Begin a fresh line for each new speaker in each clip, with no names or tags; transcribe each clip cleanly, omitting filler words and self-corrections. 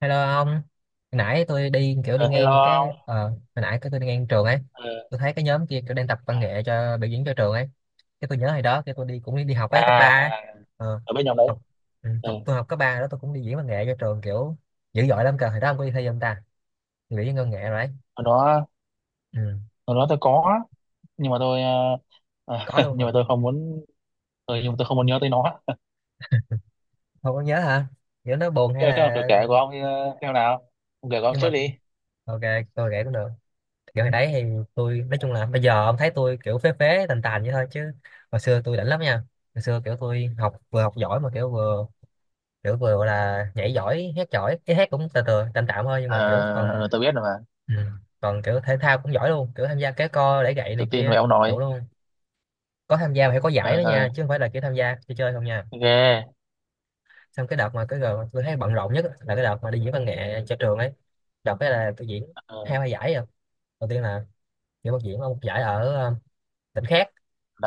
Hello ông, hồi nãy tôi đi kiểu đi
Ờ, Hello
ngang cái
ông.
hồi nãy cái tôi đi ngang trường ấy,
Ờ,
tôi thấy cái nhóm kia kiểu đang tập văn nghệ cho biểu diễn cho trường ấy, cái tôi nhớ hồi đó cái tôi đi cũng đi học ấy cấp ba,
à,
ấy.
à
Ờ,
ở bên nhóm đấy.
học
Ừ.
học tôi học cấp ba đó tôi cũng đi diễn văn nghệ cho trường kiểu dữ dội lắm cơ, hồi đó ông có đi thi không ta? Biểu diễn văn nghệ rồi đấy,
hồi đó
ừ,
hồi đó tôi có, nhưng mà tôi
có luôn hả?
nhưng mà tôi không muốn. Ừ, nhưng mà tôi không muốn nhớ tới nó.
Không có nhớ hả? Kiểu nó buồn
Thế
hay
thế là được,
là
kể của ông theo nào, ông kể của ông
nhưng mà
trước đi.
ok tôi kể cũng được. Kiểu hồi đấy thì tôi nói chung là bây giờ ông thấy tôi kiểu phế phế tàn tàn vậy thôi chứ hồi xưa tôi đỉnh lắm nha, hồi xưa kiểu tôi học vừa học giỏi mà kiểu vừa gọi là nhảy giỏi hát giỏi, cái hát cũng từ từ tạm tạm thôi nhưng
Ờ,
mà kiểu còn
tôi biết rồi mà.
ừ, còn kiểu thể thao cũng giỏi luôn, kiểu tham gia kéo co đẩy gậy
Tự
này
tin về
kia
ông nội.
đủ luôn, có tham gia mà phải có giải
Ờ
đó nha
ờ.
chứ không phải là kiểu tham gia chơi chơi không nha.
Ghê.
Xong cái đợt mà cái giờ tôi thấy bận rộn nhất là cái đợt mà đi diễn văn nghệ cho trường ấy, đợt cái là tôi diễn
Ờ.
hai ba giải rồi. Đầu tiên là diễn ở một giải ở tỉnh khác.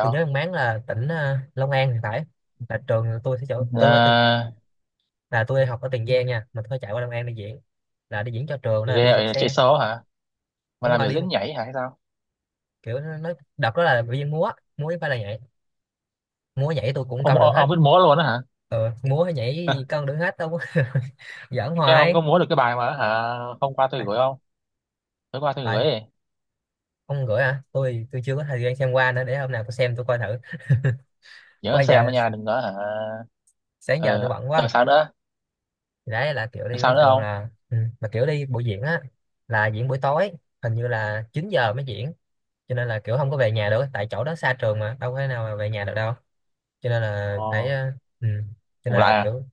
Tôi nhớ ông Mán là tỉnh Long An thì phải, là trường tôi sẽ chỗ tôi ở từ
À,
là tôi học ở Tiền Giang nha mà tôi phải chạy qua Long An đi diễn, là đi diễn cho trường nên là
ghê
đi bằng
ở chạy
xe.
số hả? Mà
Đúng
làm
rồi
biểu
đi
diễn nhảy hả hay sao?
kiểu đợt đó là biểu diễn múa, múa với phải là nhảy, múa nhảy tôi cũng cân được hết.
Ông biết múa luôn đó hả?
Ừ, múa hay nhảy
Ờ,
gì cân được hết đâu. Giỡn
thế ông
hoài.
có múa được cái bài mà hả hôm qua tôi
Phải,
gửi không? Tối qua tôi
phải.
gửi.
Ông gửi hả, tôi chưa có thời gian xem qua nữa, để hôm nào tôi xem tôi coi thử.
Nhớ
Bây
xem đó
giờ
nha, đừng có hả.
sáng giờ tôi
Ờ
bận
ờ,
quá.
sao nữa?
Thì đấy là kiểu
Còn
đi
sao
với
nữa
trường
không?
là ừ. Mà kiểu đi buổi diễn á, là diễn buổi tối, hình như là 9 giờ mới diễn, cho nên là kiểu không có về nhà được, tại chỗ đó xa trường mà đâu có thể nào mà về nhà được đâu, cho nên là
Ồ.
phải ừ. Cho nên
Ngủ
là
lại à?
kiểu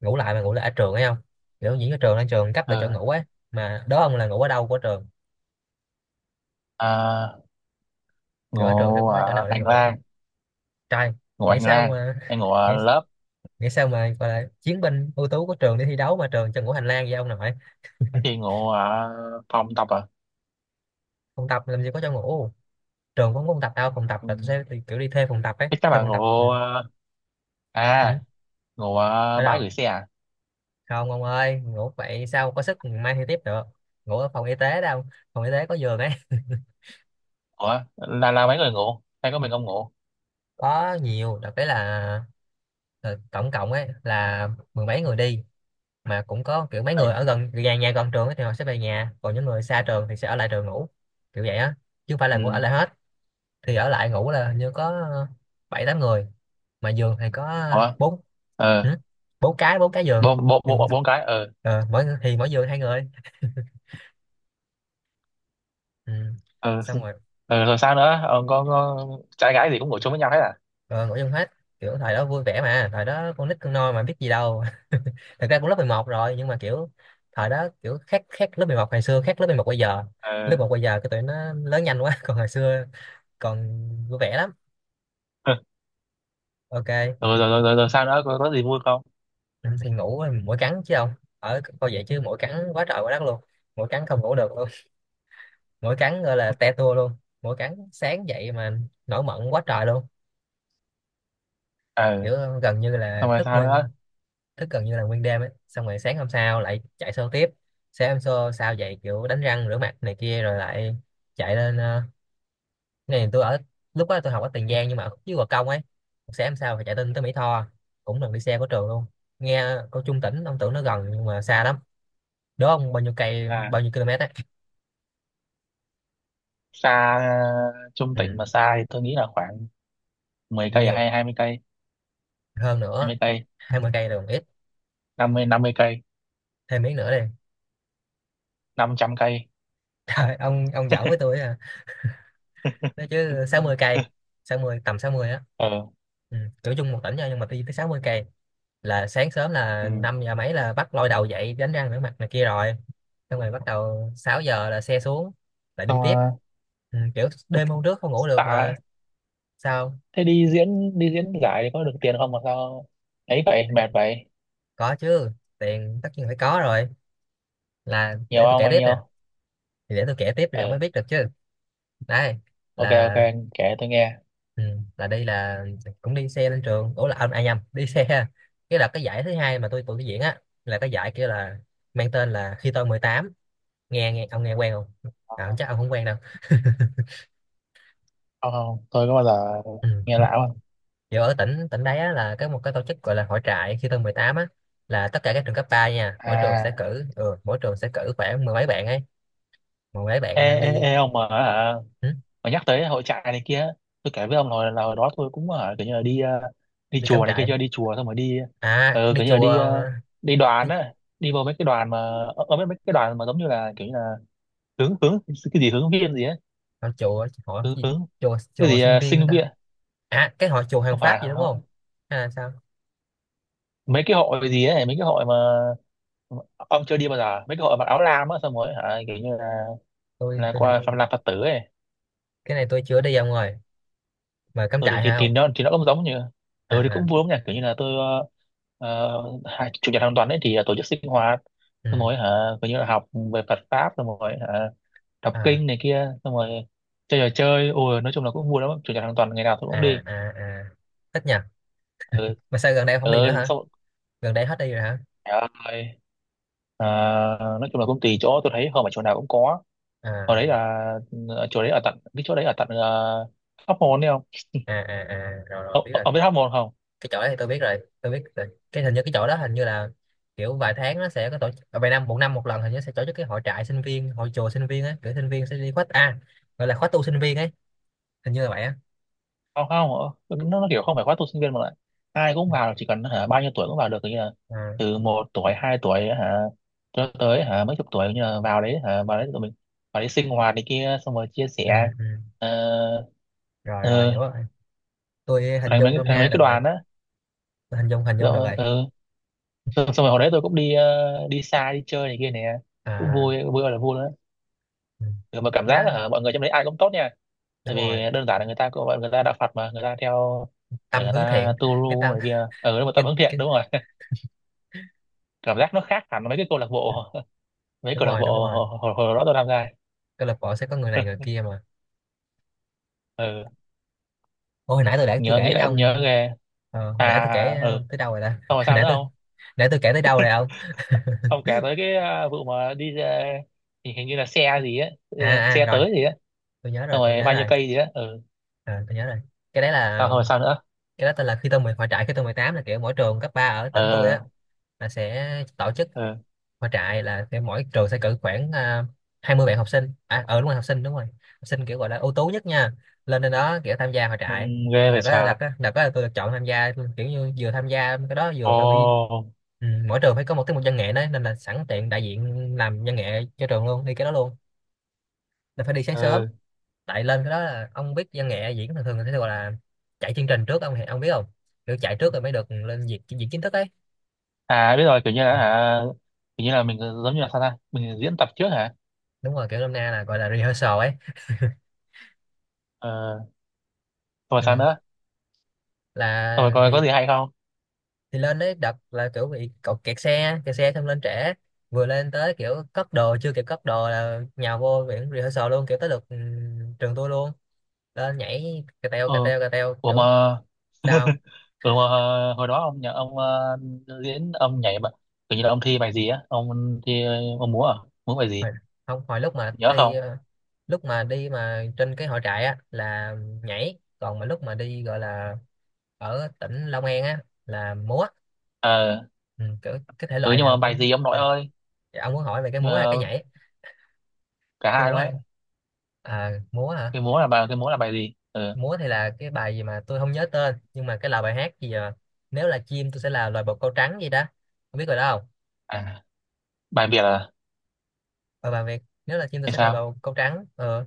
ngủ lại, mà ngủ lại ở trường ấy không, kiểu diễn ở trường, ở trường cấp lại chỗ
Ờ.
ngủ ấy, mà đó ông là ngủ ở đâu của trường.
À,
Kiểu ở trường sẽ
ngủ
có chỗ
ở
nào để
hành
ngủ,
lang.
trời
Ngủ
nghĩ
hành
sao
lang.
mà
Hay ngủ ở
nghĩ,
lớp?
nghĩ sao mà gọi là chiến binh ưu tú của trường đi thi đấu mà trường cho ngủ hành lang vậy ông nội.
Cái thì ngủ ở phòng tập à?
Không tập làm gì có chỗ ngủ, trường cũng không tập đâu, phòng tập
Ừ.
là tôi sẽ kiểu đi thuê phòng tập ấy,
Thế các
thuê
bạn
phòng tập, ừ.
ngủ
Ừ.
à, ngủ ở
Ở
bãi
đâu?
gửi xe à?
Không ông ơi ngủ vậy sao có sức mai thi tiếp được. Ngủ ở phòng y tế đâu, phòng y tế có giường ấy.
Ủa là mấy người ngủ hay có mình không ngủ?
Có nhiều, đặc biệt là tổng cộng ấy là mười mấy người đi, mà cũng có kiểu mấy
Ờ.
người ở gần nhà, nhà gần trường ấy, thì họ sẽ về nhà, còn những người xa trường thì sẽ ở lại trường ngủ, kiểu vậy á, chứ không phải là
Ừ.
ngủ ở lại hết. Thì ở lại ngủ là hình như có bảy tám người, mà giường thì có
Ủa.
bốn.
Ờ.
Ừ. Bốn cái giường
bốn bốn
thì
bốn bốn cái ờ.
mỗi giường hai người. Ừ.
Ờ.
Xong rồi
Ờ rồi sao nữa ờ, có trai gái gì cũng ngủ chung với nhau hết à?
ờ, ngủ chung hết, kiểu thời đó vui vẻ mà, thời đó con nít con nôi mà biết gì đâu. Thật ra cũng lớp 11 rồi nhưng mà kiểu thời đó kiểu khác, khác lớp 11 ngày xưa khác lớp 11 bây giờ, lớp
Ờ.
một bây giờ cái tụi nó lớn nhanh quá. Còn hồi xưa còn vui vẻ lắm. Ok.
rồi rồi rồi rồi, rồi sau đó có gì vui không?
Ừ, thì ngủ mỗi cắn chứ không, ở coi vậy chứ mỗi cắn quá trời quá đất luôn, mỗi cắn không ngủ được luôn, mỗi cắn gọi là te tua luôn, mỗi cắn sáng dậy mà nổi mẩn quá trời luôn,
Ờ
kiểu gần như là
xong rồi
thức
sao nữa?
nguyên, thức gần như là nguyên đêm ấy. Xong rồi sáng hôm sau lại chạy show tiếp, sáng hôm sau sau dậy kiểu đánh răng rửa mặt này kia rồi lại chạy lên cái này tôi ở lúc đó tôi học ở Tiền Giang nhưng mà ở khúc dưới Gò Công ấy, sáng hôm sau phải chạy lên tới Mỹ Tho, cũng lần đi xe của trường luôn. Nghe cô Trung tỉnh ông tưởng nó gần nhưng mà xa lắm, đố ông bao nhiêu cây
À
bao nhiêu km ấy.
xa. Ờ, trung tỉnh
Ừ,
mà xa thì tôi nghĩ là khoảng 10
bao
cây, à
nhiêu?
hay 20 cây.
Hơn
Hai
nữa.
mươi cây.
Hai mươi cây là còn ít,
Năm mươi cây.
thêm miếng nữa đi.
Năm trăm cây.
Trời ông giỡn với tôi à. Nói chứ 60 cây, sáu mươi, tầm 60 á.
Ờ.
Ừ. Cỡ chung một tỉnh thôi nhưng mà đi tới sáu mươi cây, là sáng sớm là
Ừ.
5 giờ mấy là bắt lôi đầu dậy đánh răng rửa mặt này kia rồi, xong rồi bắt đầu 6 giờ là xe xuống lại đi
Xong
tiếp.
rồi.
Ừ. Kiểu đêm hôm trước không ngủ được mà.
Tạ.
Sao?
Thế đi diễn giải thì có được tiền không mà sao ấy vậy mệt vậy?
Có chứ, tiền tất nhiên phải có rồi, là
Nhiều
để tôi
không,
kể
bao
tiếp nè.
nhiêu?
Thì để tôi kể tiếp thì ông mới
Ừ.
biết được chứ. Đây
Ok
là
ok, kể tôi nghe.
ừ. Là đi là cũng đi xe lên trường, ủa là anh ai nhầm đi xe, cái đợt cái giải thứ hai mà tụi tôi diễn á, là cái giải kia là mang tên là khi tôi mười tám, nghe nghe ông nghe quen không
Ờ,
à, chắc ông không quen đâu.
không không, tôi có bao giờ
Ừ.
nghe lão không.
Giờ ở tỉnh tỉnh đấy á, là có một cái tổ chức gọi là hội trại khi tôi 18 á, là tất cả các trường cấp 3 nha, mỗi trường sẽ
À
cử mỗi trường sẽ cử khoảng mười mấy bạn ấy, mười mấy
ê
bạn à,
ê
đi
ê ông mà hả?
ừ,
Mà nhắc tới hội trại này kia, tôi kể với ông rồi là hồi đó tôi cũng ở kiểu như là đi đi
đi cắm
chùa này kia,
trại.
chưa đi chùa xong rồi đi
À đi
kiểu như là
chùa
đi đi
đi
đoàn á, đi vào mấy cái đoàn mà ở ở mấy mấy cái đoàn mà giống như là kiểu như là hướng hướng cái gì, hướng viên gì ấy.
không, chùa hội
Hướng
gì,
hướng
chùa
cái
chùa
gì,
sinh
ờ
viên hả
sinh
ta?
viên.
À cái hội chùa hàng
Không phải
Pháp gì đúng không,
không-.
hay là sao?
Mấy cái hội gì ấy, mấy cái hội mà ông chưa đi bao giờ, mấy cái hội mặc áo lam á, xong rồi hả kiểu như
tôi
là
tôi hình
qua
như
làm phật tử ấy.
cái này tôi chưa đi ông rồi, mà cắm
ừ thì,
trại
thì,
hả
thì
không.
nó nó cũng giống như ừ thì
À
cũng vui lắm nhỉ, kiểu như là tôi ờ, hai chủ nhật hàng tuần ấy thì tổ chức sinh hoạt
ừ.
xong rồi hả, kiểu như là học về Phật pháp xong rồi hả, đọc
À ừ.
kinh này kia, xong rồi chơi trò chơi, ôi nói chung là cũng vui lắm, chủ nhật hàng tuần ngày nào tôi cũng
À
đi.
à à thích nhỉ,
Ừ.
mà sao gần đây ông không đi nữa
Ừ
hả,
xong rồi.
gần đây hết đi rồi hả.
Ờ, nói chung là cũng tùy chỗ, tôi thấy không phải chỗ nào cũng có. Hồi đấy
À
là chỗ đấy ở tận, cái chỗ đấy ở tận Hóc Môn đấy không.
à à, à. Rồi rồi biết rồi,
Ông biết Hóc Môn không?
cái chỗ đó thì tôi biết rồi tôi biết rồi. Cái hình như cái chỗ đó hình như là kiểu vài tháng nó sẽ có tổ chức à, vài năm một lần hình như sẽ tổ chức cái hội trại sinh viên, hội chùa sinh viên á, kiểu sinh viên sẽ đi khóa a, gọi là khóa tu sinh viên ấy, hình như là vậy á.
Không không. Ờ, nó kiểu không phải khóa tu sinh viên mà lại ai cũng vào, chỉ cần hả bao nhiêu tuổi cũng vào được, kiểu như là
À,
từ một tuổi hai tuổi hả, cho tới hả mấy chục tuổi như là vào đấy hả, vào đấy tụi mình vào đấy sinh hoạt này kia xong rồi chia
ừ,
sẻ.
ừ.
Ờ.
Rồi rồi
Ờ,
hiểu rồi, tôi hình
thành mấy
dung nôm na được
cái
rồi,
đoàn á.
tôi hình dung được
Rồi
rồi.
ờ, xong rồi hồi đấy tôi cũng đi đi xa đi chơi này kia nè, cũng
À
vui vui ơi là vui nữa.
ừ.
Ừ, mà cảm
Cái đó
giác là hả, mọi người trong đấy ai cũng tốt nha.
đúng
Tại vì
rồi,
đơn giản là người ta cũng, người ta đạo Phật mà người ta theo, để
tâm
người
hướng
ta
thiện.
tu
Cái
lu
tâm
này kia. Ừ, đúng rồi, tâm hướng thiện
cái
đúng rồi. Cảm giác nó khác hẳn mấy cái câu lạc bộ. Mấy
đúng
câu lạc
rồi đúng
bộ
rồi,
hồi đó tôi tham gia.
câu lạc bộ sẽ có người này người kia mà.
Ừ.
Ôi, hồi nãy tôi để tôi
Nhớ
kể
nghĩ
với
lại, ông nhớ
ông,
ghê.
ờ, hồi nãy tôi
À
kể
ừ.
tới đâu rồi ta.
Xong rồi
Hồi
sao nữa không?
nãy tôi kể tới đâu rồi ông.
Ông kể tới cái à, vụ mà đi ra-, thì hình như là xe gì á ờ,
À, à
xe
rồi
tới gì á,
tôi nhớ
xong
rồi tôi
rồi
nhớ
bao nhiêu
rồi.
cây gì á. Ừ
Ờ, tôi nhớ rồi. Cái đấy
sao
là
rồi sao nữa?
cái đó tên là khi tôi mười, hội trại khi tôi mười tám, là kiểu mỗi trường cấp 3 ở tỉnh tôi á,
Ờ.
là sẽ tổ chức
Ừ.
khóa trại, là cái mỗi trường sẽ cử khoảng à, 20 bạn học sinh, à ờ đúng rồi học sinh đúng rồi, học sinh kiểu gọi là ưu tú nhất nha, lên trên đó kiểu tham gia hội
Ừ.
trại.
Ghê vậy
là có là
trời.
có là có tôi được chọn tham gia kiểu như vừa tham gia cái đó vừa phải bị
Ồ.
ừ, mỗi trường phải có một tiết mục văn nghệ đấy, nên là sẵn tiện đại diện làm văn nghệ cho trường luôn đi cái đó luôn, là phải đi sáng sớm.
Ừ.
Tại lên cái đó là ông biết văn nghệ diễn thường thường người ta sẽ gọi là chạy chương trình trước, ông biết không, kiểu chạy trước rồi mới được lên diễn, diễn chính thức ấy.
À biết rồi, kiểu như là
Ừ.
à, kiểu như là mình giống như là sao ta, mình diễn tập trước hả.
Đúng rồi kiểu năm nay là gọi là rehearsal ấy.
Ờ xong rồi sao
Ừ.
nữa, xong rồi
Là
coi có gì hay không.
thì lên đấy đợt là kiểu bị cậu kẹt xe, kẹt xe xong lên trễ, vừa lên tới kiểu cất đồ chưa kịp cất đồ là nhào vô viện rehearsal luôn, kiểu tới lượt trường tôi luôn, lên nhảy cà teo cà
Ừ.
teo cà teo
Ủa
kiểu.
mà.
Sao không?
Ừ, mà hồi hồi đó ông nhà ông diễn ông nhảy bạn, kiểu như là ông thi ông múa à, múa bài gì,
Hồi, không hồi lúc mà
nhớ
thi
không?
lúc mà đi mà trên cái hội trại á là nhảy, còn mà lúc mà đi gọi là ở tỉnh Long An á là múa.
Ờ.
Ừ, kiểu cái thể
Ừ
loại
nhưng mà
nào
bài
cũng
gì ông nội
chơi được.
ơi,
Dạ, ông muốn hỏi về cái
nhưng
múa hay cái
mà
nhảy,
cả
cái
hai
múa
luôn
hay.
đấy.
À, múa hả,
Cái múa là bài, cái múa là bài gì. Ừ.
múa thì là cái bài gì mà tôi không nhớ tên nhưng mà cái là bài hát gì à? Nếu là chim tôi sẽ là loài bồ câu trắng gì đó, không biết rồi đó không.
À bài Việt à,
Và bài Việt nếu là chim tôi
hay
sẽ là
sao.
bồ câu trắng ờ.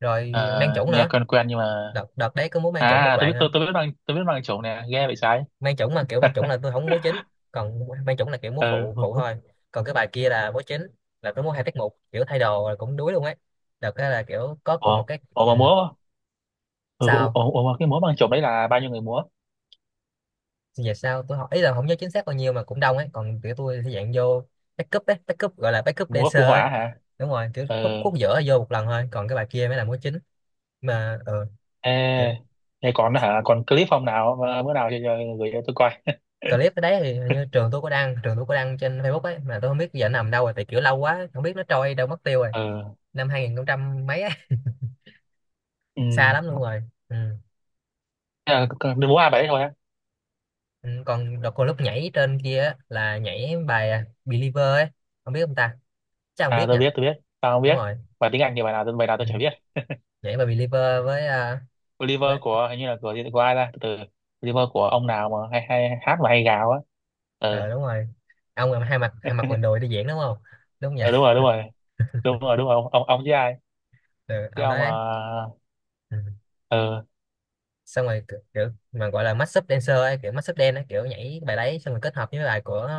Rồi mang
Ờ,
chủng
nghe
nữa,
quen quen nhưng mà
đợt đợt đấy có múa mang chủng một
à tôi
đoạn
biết,
nữa,
tôi biết bằng, tôi biết bằng chủng nè, ghê vậy trái.
mang chủng mà kiểu mang chủng là tôi không múa chính, còn mang chủng là kiểu múa
Ừ.
phụ phụ thôi, còn cái bài kia là múa chính, là tôi múa hai tiết mục kiểu thay đồ rồi cũng đuối luôn ấy. Đợt đó là kiểu có cùng
Ủa.
một cái
Ủa
ừ.
mà múa. ừ, ủa,
Sao?
ủa, ủa mà cái múa bằng chủng đấy là bao nhiêu người múa?
Về sao tôi học ý là không nhớ chính xác bao nhiêu mà cũng đông ấy, còn kiểu tôi thì dạng vô backup ấy, backup gọi là backup
Múa
dancer
phụ họa
ấy.
hả.
Đúng rồi kiểu
Ừ.
khúc khúc giữa vô một lần thôi, còn cái bài kia mới là múa chính. Mà ờ,
Ê,
kiểu
thế còn hả, còn clip hôm nào ờ, bữa nào cho gửi cho tôi coi.
clip ở đấy thì hình như trường tôi có đăng, trường tôi có đăng trên Facebook ấy, mà tôi không biết giờ nó nằm đâu rồi, tại kiểu lâu quá không biết nó trôi đâu mất tiêu rồi.
Ừ.
Năm 2000 mấy á.
Ừ.
Xa lắm luôn rồi. Ừ.
Thế là đừng muốn ai bài đấy thôi á.
Ừ, còn đợt còn lúc nhảy trên kia á, là nhảy bài à, Believer ấy, không biết ông ta, chắc không
À
biết
tôi
nhỉ.
biết tôi biết. Tao không
Đúng
biết.
rồi.
Bài tiếng Anh thì bài nào tôi, bài nào
Ừ.
tôi chả biết.
Nhảy bài Believer với à,
Oliver
với
của hình như là của ai ra. Từ từ. Oliver của ông nào mà hay hay hát mà hay gào á. Ừ.
ờ đúng rồi. Ông là hai mặt quần đùi đi diễn đúng không, đúng không nhỉ.
Ừ đúng rồi đúng rồi. Đúng rồi đúng rồi. Ông với ai?
Ừ,
Cái
ông đó
ông mà.
đấy. Ừ.
Ừ.
Xong rồi kiểu, kiểu mà gọi là mashup dancer ấy, kiểu mashup dance ấy, kiểu nhảy bài đấy xong rồi kết hợp với bài của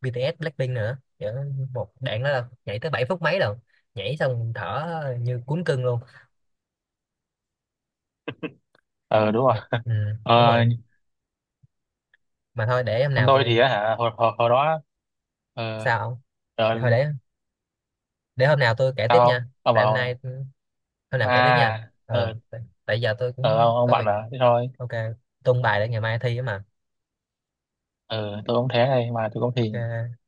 BTS Blackpink nữa, kiểu một đoạn đó là nhảy tới 7 phút mấy rồi, nhảy xong thở như cuốn cưng luôn.
Ừ đúng rồi.
Ừ, đúng
Ờ,
rồi. Mà thôi để hôm
còn
nào
tôi thì
tôi,
á hả hồi đó ờ.
sao không,
Rồi
để thôi để hôm nào tôi kể tiếp
tao
nha.
ông
Tại hôm
bảo à.
nay ừ, hôm nào kể tiếp nha. Ờ
Ờ
tại, tại giờ tôi
ờ,
cũng
ông
có
bạn
việc.
à thế thôi.
Ok. Tung bài để ngày mai thi á mà.
Ờ tôi cũng thế này mà tôi cũng
Ok
thì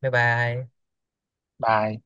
bye bye.
bà.